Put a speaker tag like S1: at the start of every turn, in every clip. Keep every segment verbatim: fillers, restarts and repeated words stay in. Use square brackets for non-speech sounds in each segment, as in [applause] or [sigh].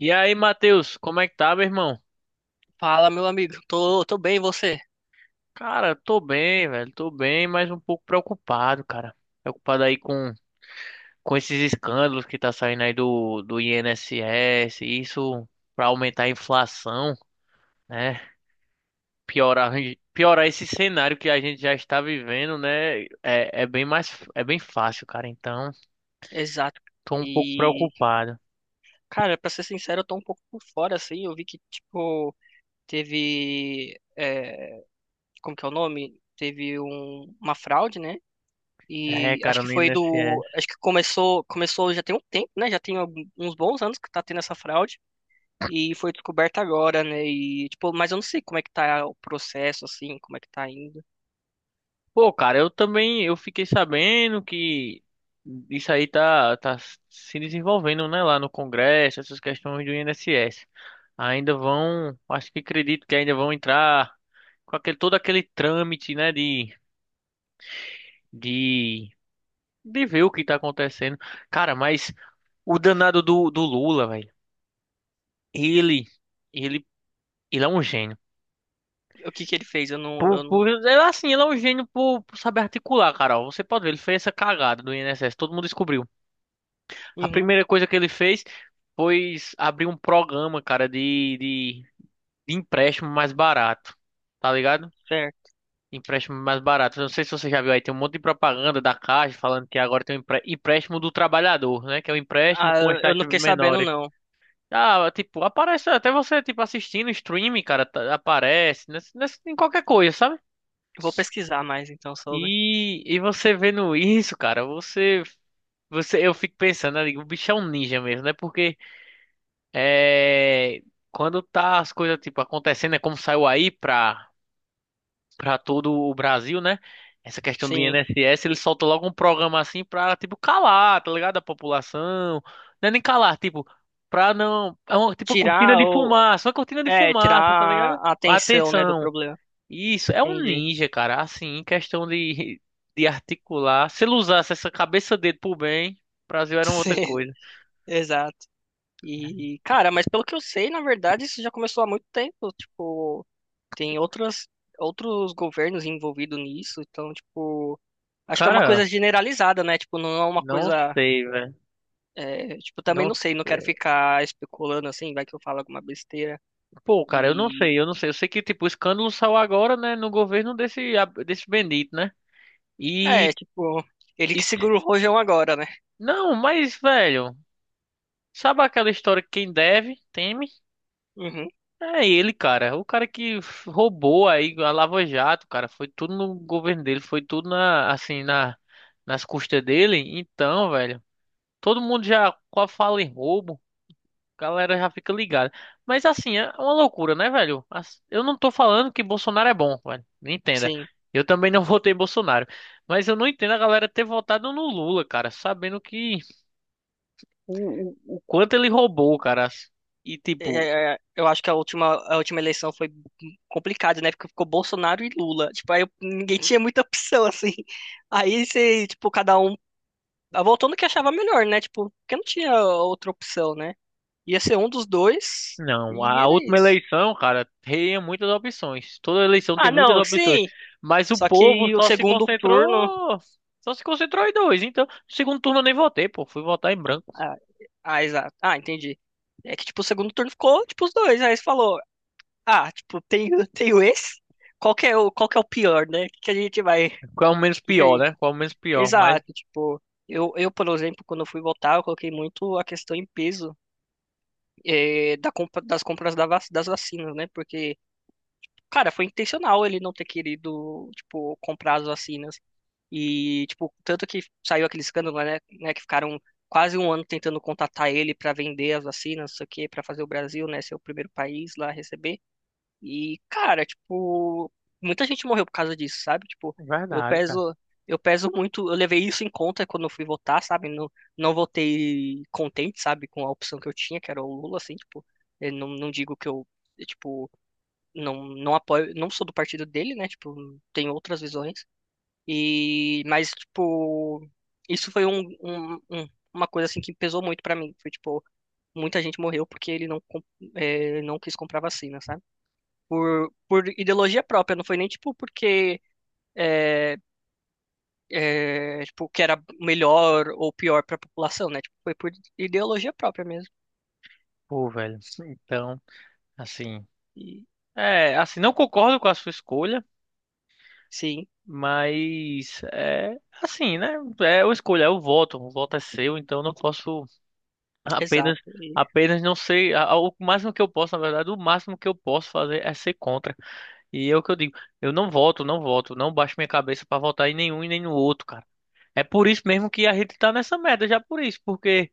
S1: E aí, Matheus, como é que tá, meu irmão?
S2: Fala, meu amigo. Tô, tô bem, e você?
S1: Cara, tô bem, velho, tô bem, mas um pouco preocupado, cara. Preocupado aí com, com esses escândalos que tá saindo aí do, do I N S S, isso pra aumentar a inflação, né? Piorar, piorar esse cenário que a gente já está vivendo, né? É, é bem mais, é bem fácil, cara. Então,
S2: Exato.
S1: tô um pouco
S2: E,
S1: preocupado.
S2: cara, pra ser sincero, eu tô um pouco por fora, assim. Eu vi que, tipo, teve. é, como que é o nome? Teve um- uma fraude, né?
S1: É,
S2: E acho
S1: cara,
S2: que
S1: no
S2: foi
S1: I N S S.
S2: do. Acho que começou, começou já tem um tempo, né? Já tem algum- uns bons anos que tá tendo essa fraude. E foi descoberta agora, né? E, tipo, mas eu não sei como é que tá o processo, assim, como é que tá indo.
S1: Pô, cara, eu também eu fiquei sabendo que isso aí tá, tá se desenvolvendo, né, lá no Congresso, essas questões do I N S S. Ainda vão, acho que acredito que ainda vão entrar com aquele, todo aquele trâmite, né, de, de, de ver o que tá acontecendo. Cara, mas o danado do, do Lula, velho, ele, ele, ele é um gênio.
S2: O que que ele fez? Eu não.
S1: Por,
S2: Eu
S1: por,
S2: não.
S1: ele, é assim, ele é um gênio por, por saber articular, Carol. Você pode ver, ele fez essa cagada do I N S S, todo mundo descobriu. A
S2: Uhum,
S1: primeira coisa que ele fez foi abrir um programa, cara, de, de, de empréstimo mais barato, tá ligado?
S2: certo.
S1: Empréstimo mais barato. Não sei se você já viu aí, tem um monte de propaganda da Caixa falando que agora tem um empre- empréstimo do trabalhador, né? Que é um empréstimo
S2: Ah,
S1: com as
S2: eu não
S1: taxas
S2: fiquei sabendo,
S1: menores.
S2: não.
S1: Ah, tipo, aparece até você, tipo, assistindo streaming, cara, tá- aparece nessa- nessa- em qualquer coisa, sabe?
S2: Eu Vou pesquisar mais então sobre.
S1: E, e você vendo isso, cara, você, você, eu fico pensando, eu digo, o bicho é um ninja mesmo, né? Porque É, quando tá as coisas tipo acontecendo, é como saiu aí pra, pra todo o Brasil, né? Essa questão do
S2: Sim.
S1: I N S S, ele solta logo um programa assim pra tipo calar, tá ligado? A população. Não é nem calar, tipo, pra não. É uma, tipo uma cortina
S2: Tirar
S1: de
S2: ou.
S1: fumaça, uma cortina de
S2: É, tirar
S1: fumaça, tá ligado?
S2: a atenção, né, do
S1: Atenção.
S2: problema.
S1: Isso, é um
S2: Entendi.
S1: ninja, cara. Assim, em questão de, de, articular. Se ele usasse essa cabeça dele pro bem, o Brasil
S2: [laughs]
S1: era uma outra
S2: Sim,
S1: coisa.
S2: exato. E, cara, mas pelo que eu sei, na verdade, isso já começou há muito tempo. Tipo, tem outras, outros governos envolvidos nisso. Então, tipo, acho que é uma
S1: Cara,
S2: coisa generalizada, né? Tipo, não é uma
S1: não
S2: coisa.
S1: sei, velho.
S2: É, tipo, também
S1: Não
S2: não sei, não quero
S1: sei.
S2: ficar especulando assim, vai que eu falo alguma besteira.
S1: Pô, cara, eu não
S2: E.
S1: sei, eu não sei. Eu sei que, tipo, o escândalo saiu agora, né, no governo desse, desse bendito, né?
S2: É,
S1: E,
S2: tipo, ele
S1: e...
S2: que segura o rojão agora, né?
S1: Não, mas, velho, sabe aquela história que quem deve, teme?
S2: Uhum,
S1: É ele, cara. O cara que f- roubou aí a Lava Jato, cara. Foi tudo no governo dele, foi tudo na, assim, na, nas custas dele. Então, velho, todo mundo já qual fala em roubo. Galera já fica ligada. Mas assim, é uma loucura, né, velho? As- Eu não tô falando que Bolsonaro é bom, velho. Me entenda.
S2: sim.
S1: Eu também não [laughs] votei em Bolsonaro. Mas eu não entendo a galera ter votado no Lula, cara, sabendo que o, o, o quanto ele roubou, cara. E tipo,
S2: É, é, eu acho que a última, a última eleição foi complicada, né? Porque ficou Bolsonaro e Lula. Tipo, aí eu- ninguém tinha muita opção, assim. Aí você, tipo, cada um ah, votou no que achava melhor, né? Tipo, porque não tinha outra opção, né? Ia ser um dos dois
S1: não,
S2: e
S1: a
S2: era
S1: última
S2: isso.
S1: eleição, cara, tinha muitas opções. Toda eleição tem
S2: Ah,
S1: muitas
S2: não,
S1: opções.
S2: sim.
S1: Mas o
S2: Só
S1: povo
S2: que o
S1: só se
S2: segundo turno.
S1: concentrou. Só se concentrou em dois. Então, segundo turno eu nem votei, pô. Fui votar em branco.
S2: Ah, ah, exato. Ah, entendi. É que, tipo, o segundo turno ficou, tipo, os dois. Aí você falou, ah, tipo, tenho, tenho [laughs] esse? Qual que é o, qual que é o pior, né? O que que a gente vai. O
S1: Qual é o menos
S2: que que a
S1: pior,
S2: gente
S1: né? Qual é o menos pior? Mas.
S2: Exato, tipo, eu, eu, por exemplo, quando eu fui votar, eu coloquei muito a questão em peso, eh, da compra, das compras da vac- das vacinas, né? Porque, cara, foi intencional ele não ter querido, tipo, comprar as vacinas. E, tipo, tanto que saiu aquele escândalo, né, né, que ficaram quase um ano tentando contatar ele para vender as vacinas, isso aqui, para fazer o Brasil, né, ser o primeiro país lá a receber. E, cara, tipo, muita gente morreu por causa disso, sabe? Tipo, eu
S1: Verdade, cara.
S2: peso, eu peso muito, eu levei isso em conta quando eu fui votar, sabe? Não, não votei contente, sabe, com a opção que eu tinha, que era o Lula, assim, tipo, eu não, não digo que eu, eu, tipo, não, não apoio, não sou do partido dele, né? Tipo, tenho outras visões. E, mas, tipo, isso foi um, um- um- uma coisa, assim, que pesou muito pra mim. Foi, tipo, muita gente morreu porque ele não, com- eh, não quis comprar vacina, sabe? por, por ideologia própria, não foi nem tipo porque é, é, tipo, que era melhor ou pior para a população, né? Tipo, foi por ideologia própria mesmo.
S1: Pô, velho. Então, assim.
S2: E,
S1: É, assim, não concordo com a sua escolha,
S2: sim,
S1: mas é assim, né? É a escolha, é o voto. O voto é seu, então eu não posso apenas,
S2: exato. E,
S1: apenas não sei. a- a- O máximo que eu posso, na verdade, o máximo que eu posso fazer é ser contra. E é o que eu digo, eu não voto, não voto, não baixo minha cabeça pra votar em nenhum e nem no outro, cara. É por isso mesmo que a gente tá nessa merda, já por isso, porque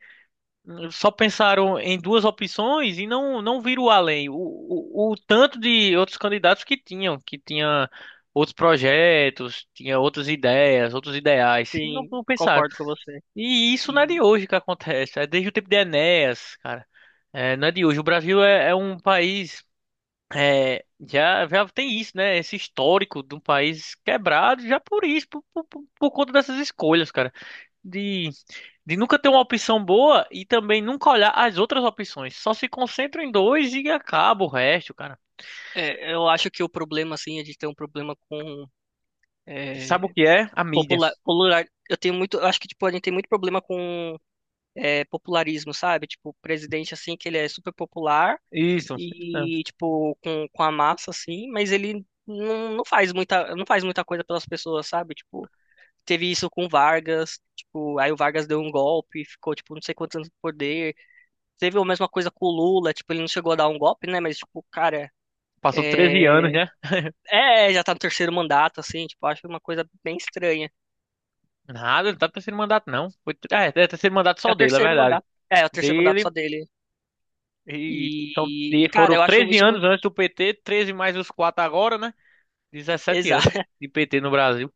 S1: hum, só pensaram em duas opções e não não viram além. O, o, o tanto de outros candidatos que tinham, que tinha outros projetos, tinha outras ideias, outros ideais. Não,
S2: sim,
S1: não pensaram.
S2: concordo com você.
S1: E isso não é
S2: E
S1: de hoje que acontece, é desde o tempo de Enéas, cara. É, não é de hoje. O Brasil é, é um país é, já, já tem isso, né? Esse histórico de um país quebrado, já por isso, por, por, por- por conta dessas escolhas, cara. De, de nunca ter uma opção boa e também nunca olhar as outras opções. Só se concentra em dois e acaba o resto, cara.
S2: é, eu acho que o problema, assim, é de ter um problema com
S1: Sabe o
S2: é,
S1: que é? A mídia.
S2: popular, popular. Eu tenho muito, eu acho que tipo a gente tem muito problema com é, popularismo, sabe? Tipo, o presidente assim que ele é super popular,
S1: Isso. É,
S2: e tipo com, com a massa assim, mas ele não, não faz muita não faz muita coisa pelas pessoas, sabe? Tipo, teve isso com o Vargas, tipo, aí o Vargas deu um golpe, ficou tipo não sei quantos anos no poder. Teve a mesma coisa com o Lula, tipo, ele não chegou a dar um golpe, né, mas tipo, cara,
S1: Passou treze anos,
S2: é,
S1: né?
S2: é, já tá no terceiro mandato assim, tipo, acho uma coisa bem estranha.
S1: Nada, não tá no terceiro mandato, não. Foi, é, é terceiro mandato
S2: É
S1: só
S2: o
S1: dele, é
S2: terceiro
S1: verdade.
S2: mandato. É, é o terceiro mandato só
S1: Dele
S2: dele.
S1: e. São,
S2: E, e,
S1: e
S2: cara,
S1: foram
S2: eu acho
S1: treze
S2: isso
S1: anos
S2: muito.
S1: antes do P T, treze mais os quatro agora, né? dezessete anos
S2: Exato.
S1: de P T no Brasil.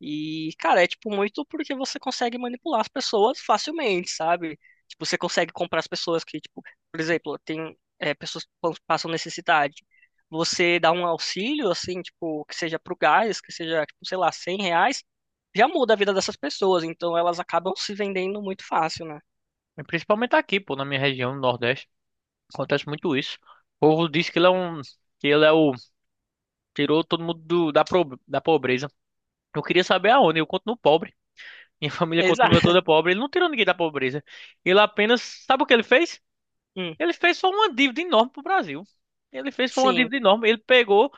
S2: E, cara, é tipo muito porque você consegue manipular as pessoas facilmente, sabe? Tipo, você consegue comprar as pessoas que, tipo, por exemplo, tem é, pessoas que pas- passam necessidade. Você dá um auxílio, assim, tipo, que seja pro gás, que seja, tipo, sei lá, cem reais, já muda a vida dessas pessoas. Então elas acabam se vendendo muito fácil, né?
S1: E principalmente aqui, pô, na minha região, no Nordeste. Acontece muito isso. O povo diz que ele é um. Que ele é o. Tirou todo mundo do- da, pro- da pobreza. Eu queria saber aonde. Eu continuo pobre. [laughs] Minha família
S2: Exato.
S1: continua
S2: [laughs]
S1: toda pobre. Ele não tirou ninguém da pobreza. Ele apenas. Sabe o que ele fez?
S2: Hum,
S1: Ele fez só uma dívida enorme pro Brasil. Ele fez foi uma
S2: sim.
S1: dívida enorme. Ele pegou,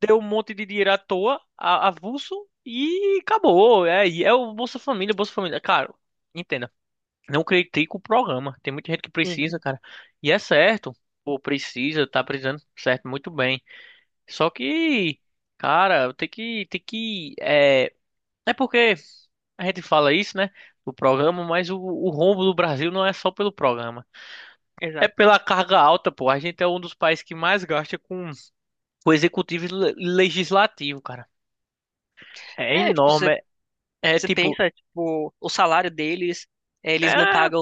S1: deu um monte de dinheiro à toa, a- avulso, e acabou. É, e é o Bolsa Família, Bolsa Família. Cara, entenda. Não critico o programa. Tem muita gente que
S2: Uhum,
S1: precisa, cara. E é certo. Pô, precisa, tá precisando, certo, muito bem. Só que, cara, tem que, tem que, é, é porque a gente fala isso, né, do programa, mas o, o rombo do Brasil não é só pelo programa. É
S2: exato.
S1: pela carga alta, pô. A gente é um dos países que mais gasta com, com executivo e le- legislativo, cara. É
S2: É, tipo,
S1: enorme.
S2: você
S1: É, é
S2: Você
S1: tipo,
S2: pensa, tipo, o salário deles, eh, eles não
S1: é,
S2: pagam,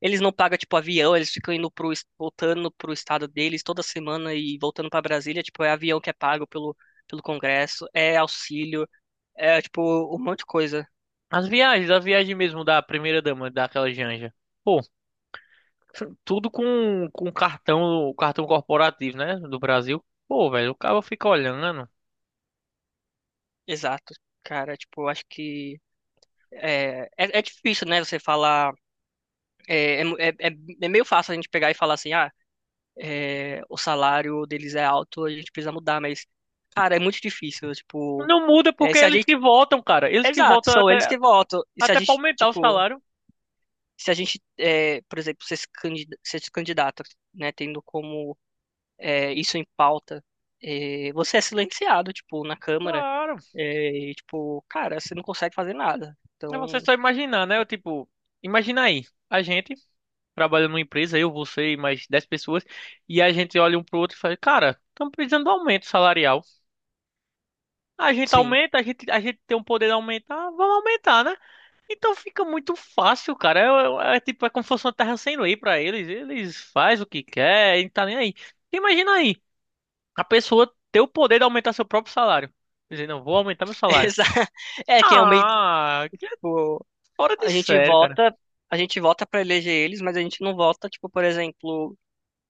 S2: eles não pagam, tipo, avião, eles ficam indo pro, es- voltando pro estado deles toda semana e voltando pra Brasília, tipo, é avião que é pago pelo, pelo Congresso, é auxílio, é, tipo, um monte de coisa.
S1: as viagens, a viagem mesmo da primeira dama, daquela Janja. Tudo com, com cartão, cartão corporativo, né? Do Brasil. Pô, velho, o cara fica olhando.
S2: Exato. Cara, tipo, eu acho que é, é, é difícil, né, você falar, é, é, é, é é meio fácil a gente pegar e falar assim, ah, eh, o salário deles é alto, a gente precisa mudar, mas, cara, é muito difícil, tipo.
S1: Não muda
S2: É,
S1: porque
S2: se
S1: é
S2: a
S1: eles
S2: gente
S1: que votam, cara. Eles que
S2: Exato,
S1: votam
S2: são eles
S1: até,
S2: que votam. E se a
S1: até pra
S2: gente,
S1: aumentar o
S2: tipo,
S1: salário.
S2: se a gente, é, por exemplo, se esse candida- se esse candidato, né, tendo como é, isso em pauta, é, você é silenciado, tipo, na Câmara,
S1: Claro.
S2: é, e, tipo, cara, você não consegue fazer nada.
S1: É você
S2: Então,
S1: só imaginar, né? Eu, tipo, imagina aí. A gente trabalha numa empresa, eu, você e mais dez pessoas. E a gente olha um pro outro e fala, cara, estamos precisando de aumento salarial. A gente
S2: sim.
S1: aumenta, a gente, a gente tem um poder de aumentar, vamos aumentar, né? Então fica muito fácil, cara. É, é- é tipo, é como se fosse uma terra sem lei pra eles. Eles fazem o que quer, e não tá nem aí. Imagina aí, a pessoa ter o poder de aumentar seu próprio salário. Dizer, não, vou aumentar meu
S2: [laughs]
S1: salário.
S2: Exa- É que é o meio,
S1: Ah, que é
S2: tipo,
S1: fora de
S2: a gente
S1: sério, cara.
S2: vota, a gente vota para eleger eles, mas a gente não vota, tipo, por exemplo,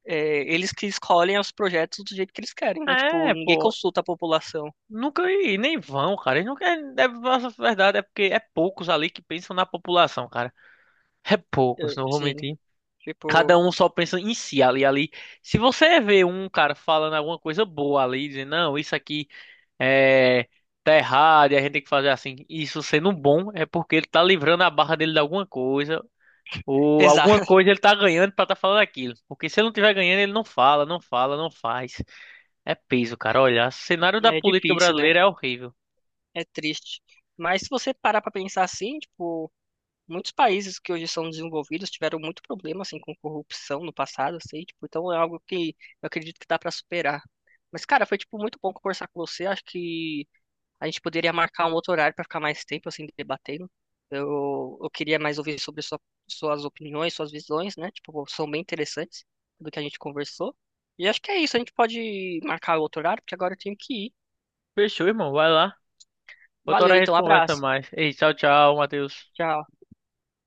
S2: é, eles que escolhem os projetos do jeito que eles querem, né? Tipo,
S1: É,
S2: ninguém
S1: pô.
S2: consulta a população.
S1: Nunca e nem vão, cara. Eles nunca, é, a verdade é porque é poucos ali que pensam na população, cara. É poucos,
S2: É,
S1: não vou
S2: sim,
S1: mentir. Cada
S2: tipo.
S1: um só pensa em si ali, ali. Se você vê um cara falando alguma coisa boa ali, dizendo, não, isso aqui. é, tá errado e a gente tem que fazer assim. Isso sendo bom é porque ele tá livrando a barra dele de alguma coisa, ou alguma
S2: Exato. [laughs]
S1: coisa ele tá ganhando pra tá falando aquilo. Porque se ele não tiver ganhando, ele não fala, não fala, não faz. É peso, cara. Olha, o cenário da
S2: É
S1: política
S2: difícil, né?
S1: brasileira é horrível.
S2: É triste. Mas se você parar pra pensar assim, tipo, muitos países que hoje são desenvolvidos tiveram muito problema assim com corrupção no passado, assim, tipo, então é algo que eu acredito que dá pra superar. Mas cara, foi tipo muito bom conversar com você. Acho que a gente poderia marcar um outro horário pra ficar mais tempo assim debatendo. Eu, eu queria mais ouvir sobre sua- suas opiniões, suas visões, né? Tipo, são bem interessantes do que a gente conversou. E acho que é isso, a gente pode marcar outro horário, porque agora eu tenho que ir.
S1: Fechou, irmão. Vai lá. Outra
S2: Valeu,
S1: hora a gente
S2: então,
S1: conversa
S2: abraço.
S1: mais. Ei, tchau, tchau, Matheus.
S2: Tchau.